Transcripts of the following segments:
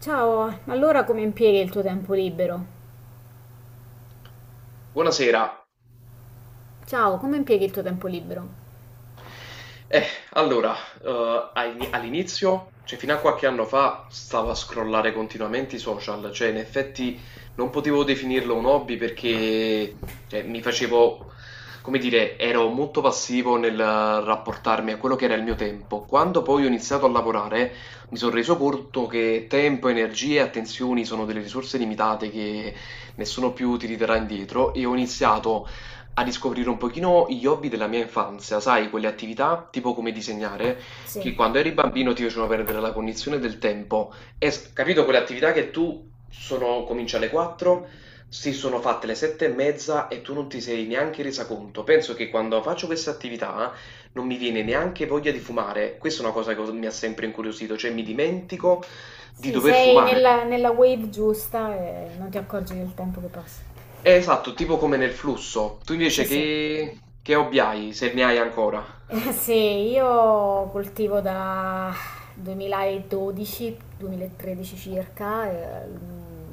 Ciao, allora come impieghi il tuo tempo libero? Buonasera. Ciao, come impieghi il tuo tempo libero? Eh, allora, ai all'inizio, cioè fino a qualche anno fa, stavo a scrollare continuamente i social, cioè in effetti non potevo definirlo un hobby perché cioè, mi facevo, come dire, ero molto passivo nel rapportarmi a quello che era il mio tempo. Quando poi ho iniziato a lavorare mi sono reso conto che tempo, energie e attenzioni sono delle risorse limitate che nessuno più ti ridarà indietro e ho iniziato a riscoprire un pochino gli hobby della mia infanzia, sai, quelle attività tipo come disegnare, Sì, che quando eri bambino ti facevano perdere la cognizione del tempo. E, capito, quelle attività che tu sono, cominci alle 4, si sono fatte le 7 e mezza e tu non ti sei neanche resa conto. Penso che quando faccio queste attività non mi viene neanche voglia di fumare. Questa è una cosa che mi ha sempre incuriosito, cioè mi dimentico di sì, dover sei fumare. nella wave giusta e non ti accorgi del tempo che passa. Esatto, tipo come nel flusso. Tu Sì, invece sì. che hobby hai, se ne hai ancora? Sì, io coltivo da 2012-2013 circa,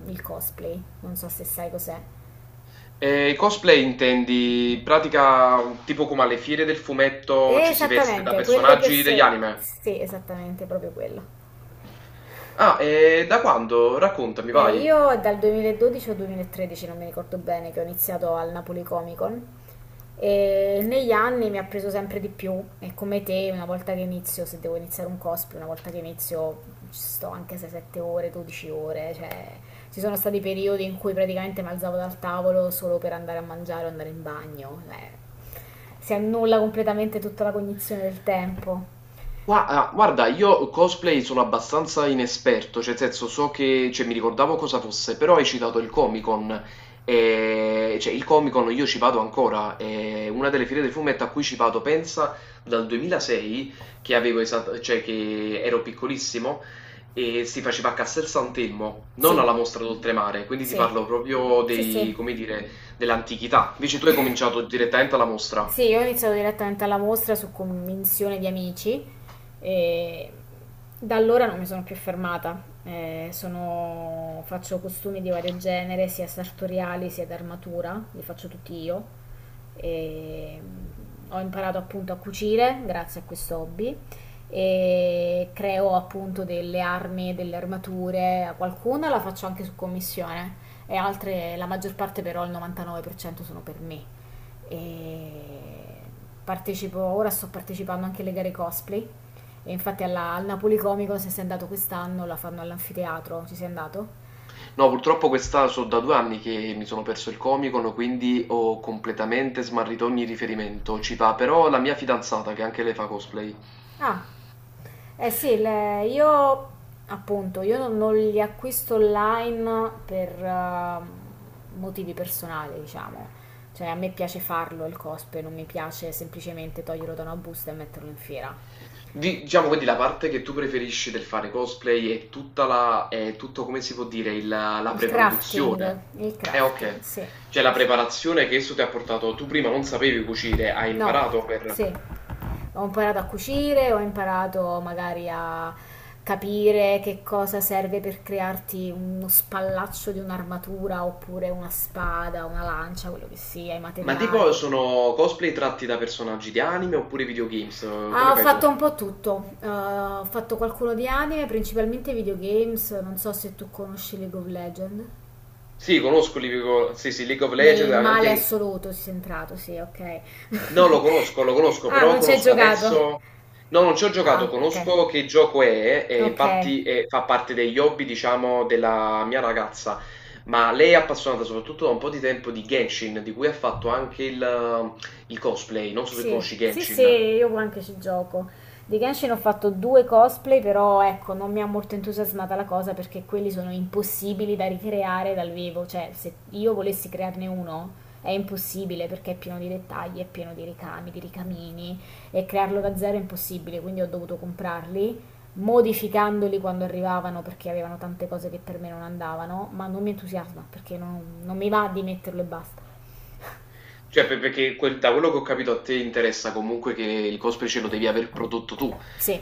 il cosplay, non so se sai cos'è. E i cosplay intendi, in pratica, tipo come alle fiere del fumetto ci si veste da Esattamente, quelle personaggi degli persone... anime? Sì, esattamente, proprio quello. Ah, e da quando? Raccontami, vai. Io è dal 2012 o 2013, non mi ricordo bene, che ho iniziato al Napoli Comic Con e negli anni mi ha preso sempre di più e come te, una volta che inizio, se devo iniziare un cosplay, una volta che inizio ci sto anche se 7 ore, 12 ore, cioè ci sono stati periodi in cui praticamente mi alzavo dal tavolo solo per andare a mangiare o andare in bagno, si annulla completamente tutta la cognizione del tempo. Guarda, io cosplay sono abbastanza inesperto, cioè, nel senso, so che, cioè, mi ricordavo cosa fosse, però hai citato il Comic-Con, e, cioè, il Comic-Con io ci vado ancora, è una delle fiere del fumetto a cui ci vado, pensa, dal 2006, che avevo cioè, che ero piccolissimo, e si faceva a Castel Sant'Elmo, non alla Sì, Mostra d'Oltremare, quindi ti sì, parlo proprio sì, dei, sì. come dire, dell'antichità, invece tu hai cominciato direttamente alla mostra. Sì, io ho iniziato direttamente alla mostra su convinzione di amici e da allora non mi sono più fermata. Sono- faccio costumi di vario genere, sia sartoriali sia d'armatura, li faccio tutti io. E, ho imparato appunto a cucire grazie a questo hobby e creo appunto delle armi, delle armature, a qualcuna la faccio anche su commissione e altre, la maggior parte però il 99% sono per me e partecipo, ora sto partecipando anche alle gare cosplay e infatti al Napoli Comico se sei andato quest'anno la fanno all'anfiteatro, ci sei andato? No, purtroppo questa so da 2 anni che mi sono perso il Comic-Con, quindi ho completamente smarrito ogni riferimento. Ci va però la mia fidanzata, che anche lei fa cosplay. Ah, eh sì, le- io appunto, io non li acquisto online per motivi personali, diciamo. Cioè, a me piace farlo il cosplay, non mi piace semplicemente toglierlo da una busta e metterlo in fiera. Diciamo quindi la parte che tu preferisci del fare cosplay è tutta è tutto come si può dire, la preproduzione. Il crafting, Ok. sì. Cioè la Sì. preparazione che esso ti ha portato, tu prima non sapevi cucire, hai No, imparato per... sì. Ho imparato a cucire, ho imparato magari a capire che cosa serve per crearti uno spallaccio di un'armatura oppure una spada, una lancia, quello che sia, i Ma tipo materiali. sono cosplay tratti da personaggi di anime oppure videogames? Ah, Come ho fai tu? fatto un po' tutto. Ho fatto qualcuno di anime, principalmente videogames. Non so se tu conosci League of Legends. Sì, conosco sì, sì, League of Legends, Nel male anche... assoluto si è entrato, sì, ok. No, lo conosco, Ah, però non ci hai conosco giocato. adesso... No, non ci ho giocato, Ah, ok. conosco che gioco è, e Ok. infatti fa parte degli hobby, diciamo, della mia ragazza, ma lei è appassionata soprattutto da un po' di tempo di Genshin, di cui ha fatto anche il cosplay, non so se Sì, conosci sì, sì, Genshin. io anche ci gioco. Di Genshin ho fatto due cosplay, però ecco, non mi ha molto entusiasmata la cosa perché quelli sono impossibili da ricreare dal vivo. Cioè, se io volessi crearne uno è impossibile perché è pieno di dettagli, è pieno di ricami, di ricamini e crearlo da zero è impossibile, quindi ho dovuto comprarli. Modificandoli quando arrivavano perché avevano tante cose che per me non andavano, ma non mi entusiasma perché non mi va di metterlo e basta. Cioè, perché da quello che ho capito a te interessa comunque che il cosplay ce lo devi aver prodotto tu. Sì,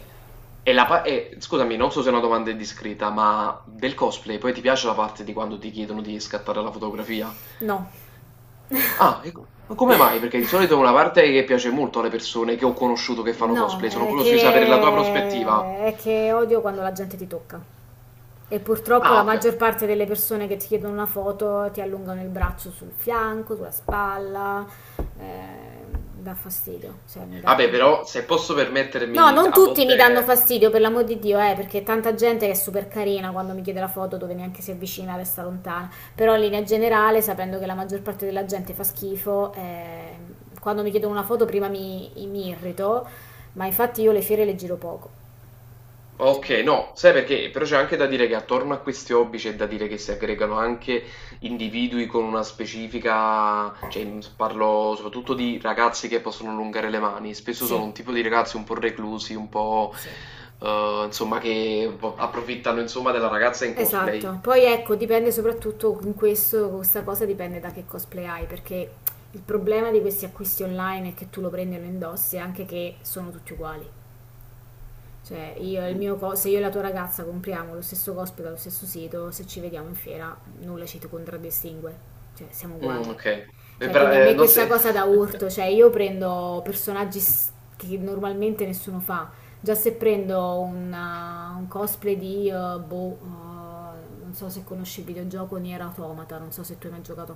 E scusami, non so se è una domanda indiscreta, ma del cosplay poi ti piace la parte di quando ti chiedono di scattare la fotografia? no. Ah, e ma come mai? Perché di solito è una parte che piace molto alle persone che ho conosciuto che fanno No, cosplay, sono curioso di sapere la tua prospettiva. È che odio quando la gente ti tocca. E purtroppo Ah, la ok. maggior parte delle persone che ti chiedono una foto ti allungano il braccio sul fianco, sulla spalla, eh, dà fastidio, cioè mi dà. Vabbè, però se posso No, permettermi, non a tutti mi danno volte... fastidio, per l'amor di Dio, perché tanta gente che è super carina quando mi chiede la foto dove neanche si avvicina, resta lontana. Però in linea generale, sapendo che la maggior parte della gente fa schifo, quando mi chiedono una foto prima mi irrito, ma infatti io le fiere le giro poco. Ok, Ok. no, sai perché? Però c'è anche da dire che attorno a questi hobby c'è da dire che si aggregano anche individui con una specifica, cioè parlo soprattutto di ragazzi che possono allungare le mani, spesso sono Sì, un tipo di ragazzi un po' reclusi, un po' sì, insomma che un po' approfittano insomma della ragazza in cosplay. esatto. Poi ecco, dipende soprattutto in questa cosa dipende da che cosplay hai, perché il problema di questi acquisti online è che tu lo prendi e lo indossi, anche che sono tutti uguali. Cioè, io e il Mm, mio co- se io e la tua ragazza compriamo lo stesso cosplay dallo stesso sito, se ci vediamo in fiera, nulla ci contraddistingue. Cioè, siamo uguali. mm, ok. E Cioè, quindi a me non questa se... cosa da urto, cioè io prendo personaggi s- che normalmente nessuno fa. Già se prendo una- un cosplay di boh, non so se conosci il videogioco Nier Automata, non so se tu hai mai giocato a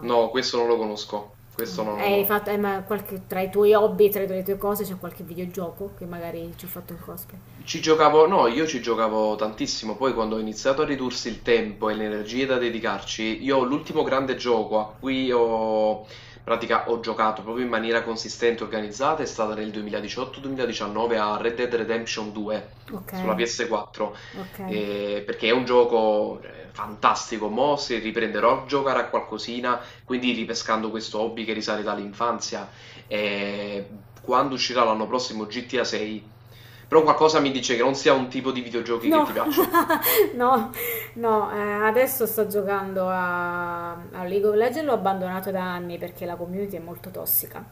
No, questo non lo conosco, questo no, no, Hai no. fatto, hai mai- qualche, tra i tuoi hobby, tra le tue cose c'è qualche videogioco che magari ci ho fatto il cosplay. Ci giocavo no, io ci giocavo tantissimo, poi quando ho iniziato a ridursi il tempo e le energie da dedicarci, io l'ultimo grande gioco a cui ho, in pratica, ho giocato proprio in maniera consistente e organizzata è stata nel 2018-2019 a Red Dead Redemption 2 Ok. sulla PS4, Ok. Perché è un gioco fantastico, mo se riprenderò a giocare a qualcosina, quindi ripescando questo hobby che risale dall'infanzia e quando uscirà l'anno prossimo GTA 6, però qualcosa mi dice che non sia un tipo di videogiochi che No, ti piacciono. no, no, adesso sto giocando a League of Legends, l'ho abbandonato da anni perché la community è molto tossica.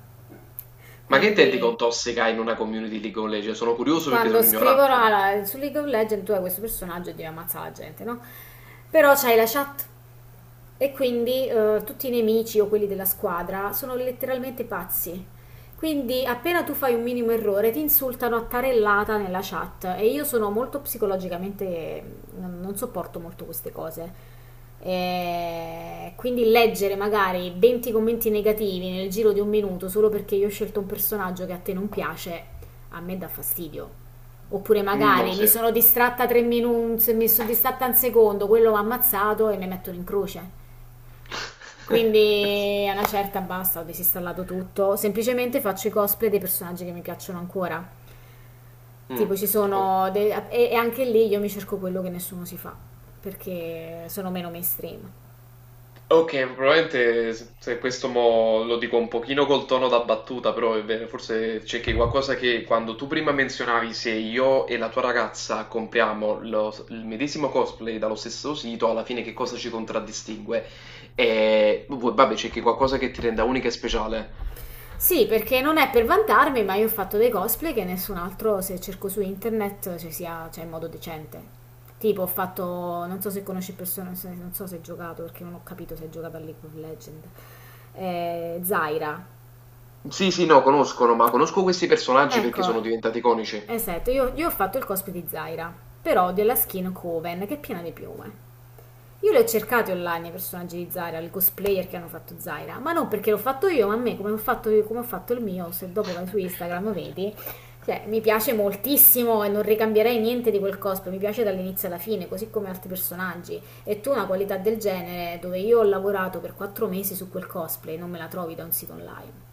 Ma che intendi con Quindi tossica in una community League of Legends? Sono curioso perché quando sono scrivono ignorante. alla- su League of Legends tu hai questo personaggio e devi ammazzare la gente, no? Però c'hai la chat. E quindi tutti i nemici o quelli della squadra sono letteralmente pazzi. Quindi appena tu fai un minimo errore ti insultano a tarellata nella chat e io sono molto psicologicamente, non sopporto molto queste cose. E quindi leggere magari 20 commenti negativi nel giro di un minuto solo perché io ho scelto un personaggio che a te non piace, a me dà fastidio. Oppure Mm, no, magari mi sì. sono distratta tre minuti, mi sono distratta un secondo, quello mi ha ammazzato e mi mettono in croce. Quindi a una certa basta, ho disinstallato tutto, semplicemente faccio i cosplay dei personaggi che mi piacciono ancora. Mm, Tipo ci ok. sono de- e anche lì io mi cerco quello che nessuno si fa, perché sono meno mainstream. Ok, probabilmente se questo mo lo dico un pochino col tono da battuta, però è vero, forse c'è che qualcosa che quando tu prima menzionavi se io e la tua ragazza compriamo il medesimo cosplay dallo stesso sito, alla fine che cosa ci contraddistingue? E vabbè, c'è che qualcosa che ti renda unica e speciale. Sì, perché non è per vantarmi, ma io ho fatto dei cosplay che nessun altro, se cerco su internet, ci sia, cioè in modo decente. Tipo ho fatto, non so se conosci persone, se- non so se hai giocato, perché non ho capito se hai giocato a League of Legends. Zaira. Sì, sì, no, conoscono, ma conosco questi personaggi perché sono Ecco, diventati iconici. esatto, io ho fatto il cosplay di Zaira, però della skin Coven, che è piena di piume. Io le ho cercate online i personaggi di Zaira, i cosplayer che hanno fatto Zaira, ma non perché l'ho fatto io, ma a me come ho fatto, come ho fatto il mio, se dopo vai su Instagram vedi, cioè, mi piace moltissimo e non ricambierei niente di quel cosplay, mi piace dall'inizio alla fine, così come altri personaggi. E tu una qualità del genere, dove io ho lavorato per 4 mesi su quel cosplay, non me la trovi da un sito online.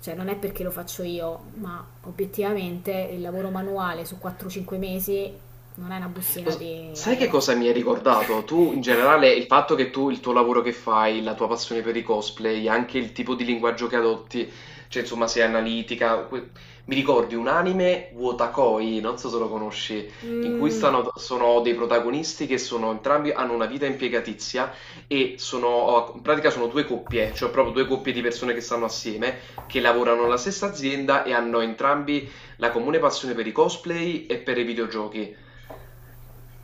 Cioè non è perché lo faccio io, ma obiettivamente il lavoro manuale su 4-5 mesi non è una Lo bustina di sai che AliEx. cosa mi hai ricordato? Tu, in generale, il fatto che tu, il tuo lavoro che fai, la tua passione per i cosplay, anche il tipo di linguaggio che adotti, cioè insomma sei analitica, mi ricordi un anime, Wotakoi, non so se lo conosci, in cui Mm, stanno, sono dei protagonisti che sono entrambi, hanno una vita impiegatizia e sono, in pratica sono due coppie, cioè proprio due coppie di persone che stanno assieme, che lavorano nella stessa azienda e hanno entrambi la comune passione per i cosplay e per i videogiochi.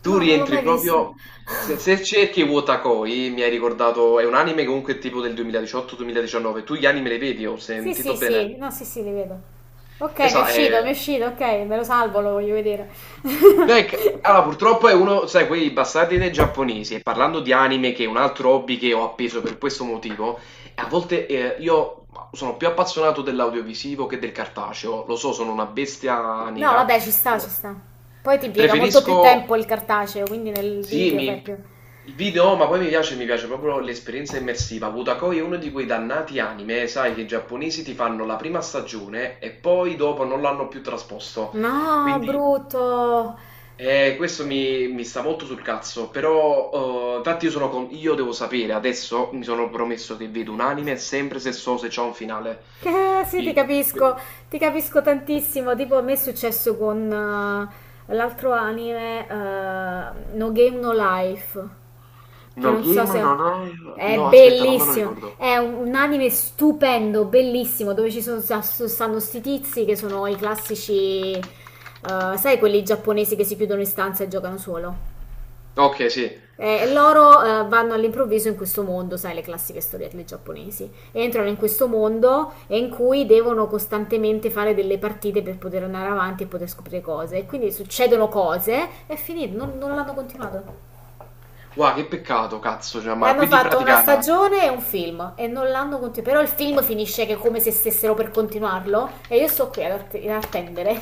Tu No, non l'ho rientri mai visto. proprio. Se cerchi Wotakoi, mi hai ricordato, è un anime comunque tipo del 2018-2019. Tu gli anime li vedi, ho Sì, sì, sentito bene. sì, no, sì, sì, li vedo. Ok, Esatto, mi è uscito, ok, me lo salvo, lo voglio vedere. no, allora, purtroppo è uno, sai, quei bastardi dei giapponesi. E parlando di anime, che è un altro hobby che ho appeso per questo motivo, a volte io sono più appassionato dell'audiovisivo che del cartaceo. Lo so, sono una bestia No, nera. vabbè, ci sta, Però ci sta. Poi ti impiega molto preferisco. più tempo il cartaceo, quindi nel Sì, video fai più... il video, ma poi mi piace proprio l'esperienza immersiva. Wutakoi è uno di quei dannati anime, sai, che i giapponesi ti fanno la prima stagione e poi dopo non l'hanno più trasposto. No, Quindi brutto! Questo mi sta molto sul cazzo, però infatti io, io devo sapere, adesso mi sono promesso che vedo un anime sempre se so se c'è un finale. Sì, Chi- que- ti capisco tantissimo. Tipo, a me è successo con l'altro anime, No Game No Life, che No, non so Game, no, se... no, È no, aspetta, non me lo bellissimo, ricordo. è un anime stupendo, bellissimo, dove ci sono, sta- stanno sti tizi che sono i classici, sai, quelli giapponesi che si chiudono in stanza e giocano solo. Ok, sì. E loro vanno all'improvviso in questo mondo, sai, le classiche storielle giapponesi. Entrano in questo mondo in cui devono costantemente fare delle partite per poter andare avanti e poter scoprire cose. E quindi succedono cose e finito, non l'hanno continuato. Wow, che peccato, cazzo, cioè, E ma hanno quindi in fatto una pratica... stagione e un film e non l'hanno continuato. Però il film finisce che è come se stessero per continuarlo e io sto qui ad, att- ad attendere.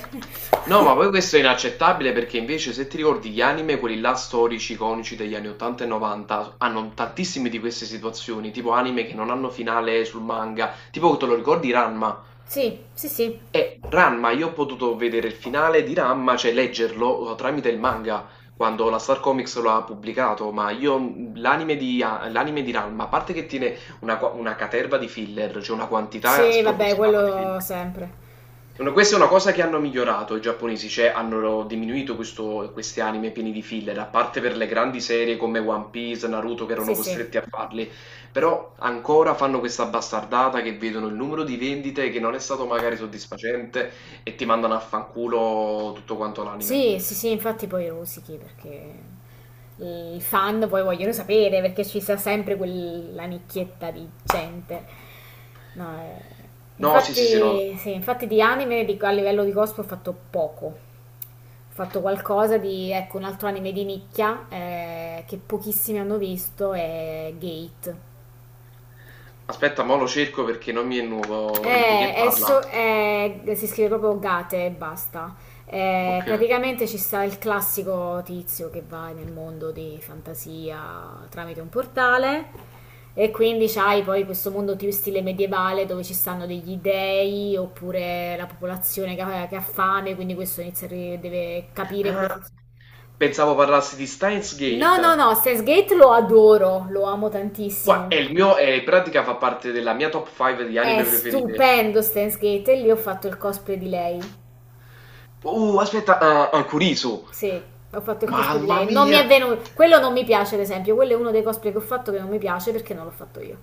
No, ma poi questo è inaccettabile perché invece se ti ricordi gli anime, quelli là storici, iconici degli anni 80 e 90, hanno tantissime di queste situazioni, tipo anime che non hanno finale sul manga, tipo te lo ricordi Ranma? Sì, sì, sì. E Ranma, io ho potuto vedere il finale di Ranma, cioè leggerlo tramite il manga, quando la Star Comics lo ha pubblicato, ma io l'anime di, l'anime di Ranma, a parte che tiene una, una caterva di filler, cioè una quantità Sì, vabbè, spropositata di quello filler. sempre. Questa è una cosa che hanno migliorato i giapponesi, cioè hanno diminuito questi anime pieni di filler, a parte per le grandi serie come One Piece, Naruto che Sì, erano sì. costretti a farli, però ancora fanno questa bastardata che vedono il numero di vendite che non è stato magari soddisfacente e ti mandano a fanculo tutto quanto l'anime. Sì, sì, sì, infatti poi rosichi perché i fan poi vogliono sapere perché ci sta sempre quella nicchietta di gente. No, No, sì, sì, sì, no. infatti, sì, infatti di anime di- a livello di cosplay ho fatto poco. Ho fatto qualcosa di, ecco, un altro anime di nicchia che pochissimi hanno visto è Gate. Aspetta, mo lo cerco perché non mi è nuovo di che parla. Esso è- si scrive proprio Gate e basta. Ok. Praticamente ci sta il classico tizio che va nel mondo di fantasia tramite un portale e quindi c'hai poi questo mondo più stile medievale dove ci stanno degli dei oppure la popolazione che ha fame, quindi questo inizia a ri- deve capire come Ah, funziona. pensavo parlassi di Steins No, no, Gate. no, Steins Gate lo adoro, lo amo Gua è tantissimo. il mio in pratica fa parte della mia top 5 di È anime preferite. stupendo Steins Gate e lì ho fatto il cosplay di lei. Aspetta, ah, ah, Kurisu. Sì, ho fatto il cosplay di Mamma lei. Non mi mia! è venuto. Quello non mi piace, ad esempio. Quello è uno dei cosplay che ho fatto che non mi piace perché non l'ho fatto io.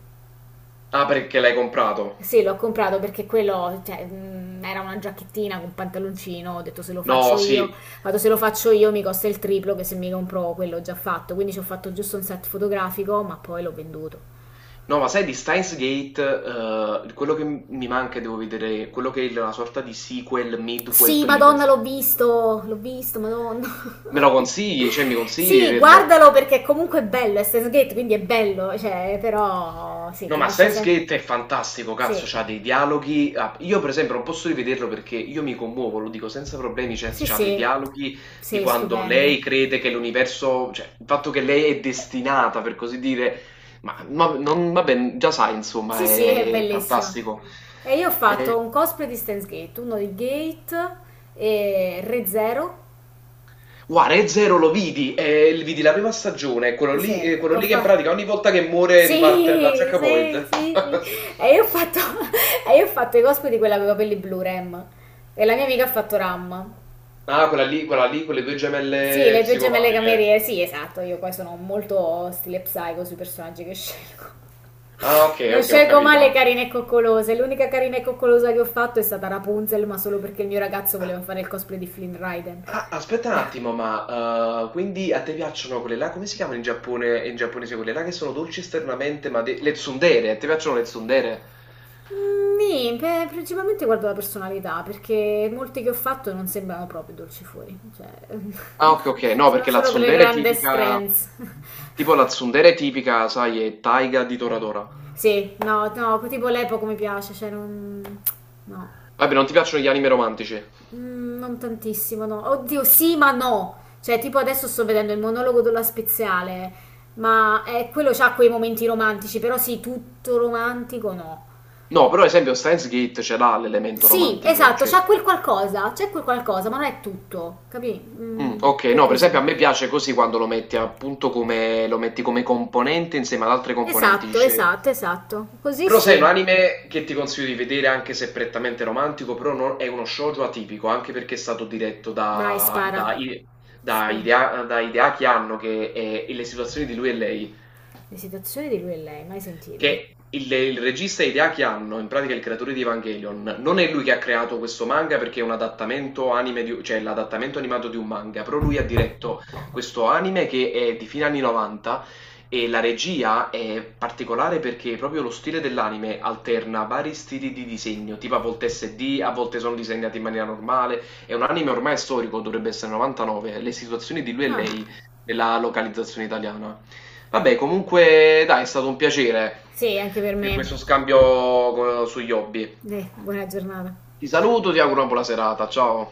Ah, perché l'hai comprato? Sì, l'ho comprato perché quello, cioè, era una giacchettina con pantaloncino. Ho detto se lo No, faccio io, sì. vado se lo faccio io mi costa il triplo che se mi compro quello già fatto. Quindi ci ho fatto giusto un set fotografico, ma poi l'ho venduto. No, ma sai di Steins Gate, quello che mi manca, e devo vedere, quello che è una sorta di sequel, midquel, Sì, Madonna, prequel. L'ho visto, Madonna. Me lo consigli? Cioè, mi consigli di Sì, vederlo? guardalo perché comunque è bello, è Steins Gate, quindi è bello, cioè, però sì, No, ti ma lascia sempre... Sense8 è fantastico, cazzo, Sì, c'ha dei dialoghi. Ah, io, per esempio, non posso rivederlo perché io mi commuovo, lo dico senza problemi. Cioè, sì, c'ha dei sì, dialoghi di sì, quando stupendi. lei crede che l'universo, cioè, il fatto che lei è destinata, per così dire, ma non, vabbè, già sai, insomma, Sì, sì, è è bellissimo. fantastico. E io ho fatto Eh, un cosplay di Steins Gate, uno di Gate e Re Zero. guarda, Re Zero lo vidi, vidi la prima stagione, Sì, quello ho lì che in fatto... pratica ogni volta che muore riparte da Sì, sì, checkpoint. sì, sì. E io ho fatto, e io ho fatto i cosplay di quella con i capelli blu, Rem. E la mia amica ha fatto Ram. Ah, quella lì con le due Sì, gemelle le due gemelle psicopatiche. cameriere, sì, esatto, io poi sono molto stile psycho sui personaggi che scelgo. Ah, ok, Non ok, ho scelgo mai capito. le carine e coccolose, l'unica carina e coccolosa che ho fatto è stata Rapunzel, ma solo perché il mio ragazzo Ah, voleva fare il cosplay di Flynn Raiden. ah, aspetta un attimo, ma quindi a te piacciono quelle là? Come si chiamano in Giappone, in giapponese quelle là che sono dolci esternamente, ma le tsundere? A te piacciono le tsundere? Beh, principalmente guardo la personalità, perché molti che ho fatto non sembrano proprio dolci fuori, cioè, Ah, ok, ok, no, sono perché la solo quelle tsundere è grandi tipica, strengths. tipo la tsundere è tipica, sai, è Taiga di Toradora. Sì, no, no, tipo l'epoca mi piace, cioè non... No, Vabbè, non ti piacciono gli anime romantici? Non tantissimo, no. Oddio, sì, ma no. Cioè, tipo adesso sto vedendo il monologo della Speziale, ma quello c'ha quei momenti romantici, però sì, tutto romantico no. No, però ad esempio Steins Gate ce l'ha l'elemento Sì, romantico, esatto, cioè... c'ha quel qualcosa, c'è quel qualcosa, ma non è tutto, capì? Mm, ok, Più è no, per così. esempio a me piace così quando lo metti appunto come, lo metti come componente insieme ad altre componenti. Esatto, esatto, esatto. Così Però sai, un sì. anime che ti consiglio di vedere anche se è prettamente romantico, però è uno shoujo atipico, anche perché è stato diretto Dai, da, spara. da, I- da Spara. Hidea- da Hideaki Anno, che e le situazioni di lui e lei. Le situazioni di lui e lei, mai sentito? Che il regista Hideaki Anno, in pratica il creatore di Evangelion, non è lui che ha creato questo manga perché è un adattamento anime cioè l'adattamento animato di un manga, però lui ha diretto questo anime che è di fine anni 90 e la regia è particolare perché proprio lo stile dell'anime alterna vari stili di disegno, tipo a volte SD, a volte sono disegnati in maniera normale, è un anime ormai storico, dovrebbe essere 99, le situazioni di lui e Ah, lei nella localizzazione italiana. Vabbè, comunque, dai, è stato un piacere. sì, anche per Cioè, me. questo scambio sugli hobby. Buona giornata. Ti saluto, ti auguro una buona serata. Ciao.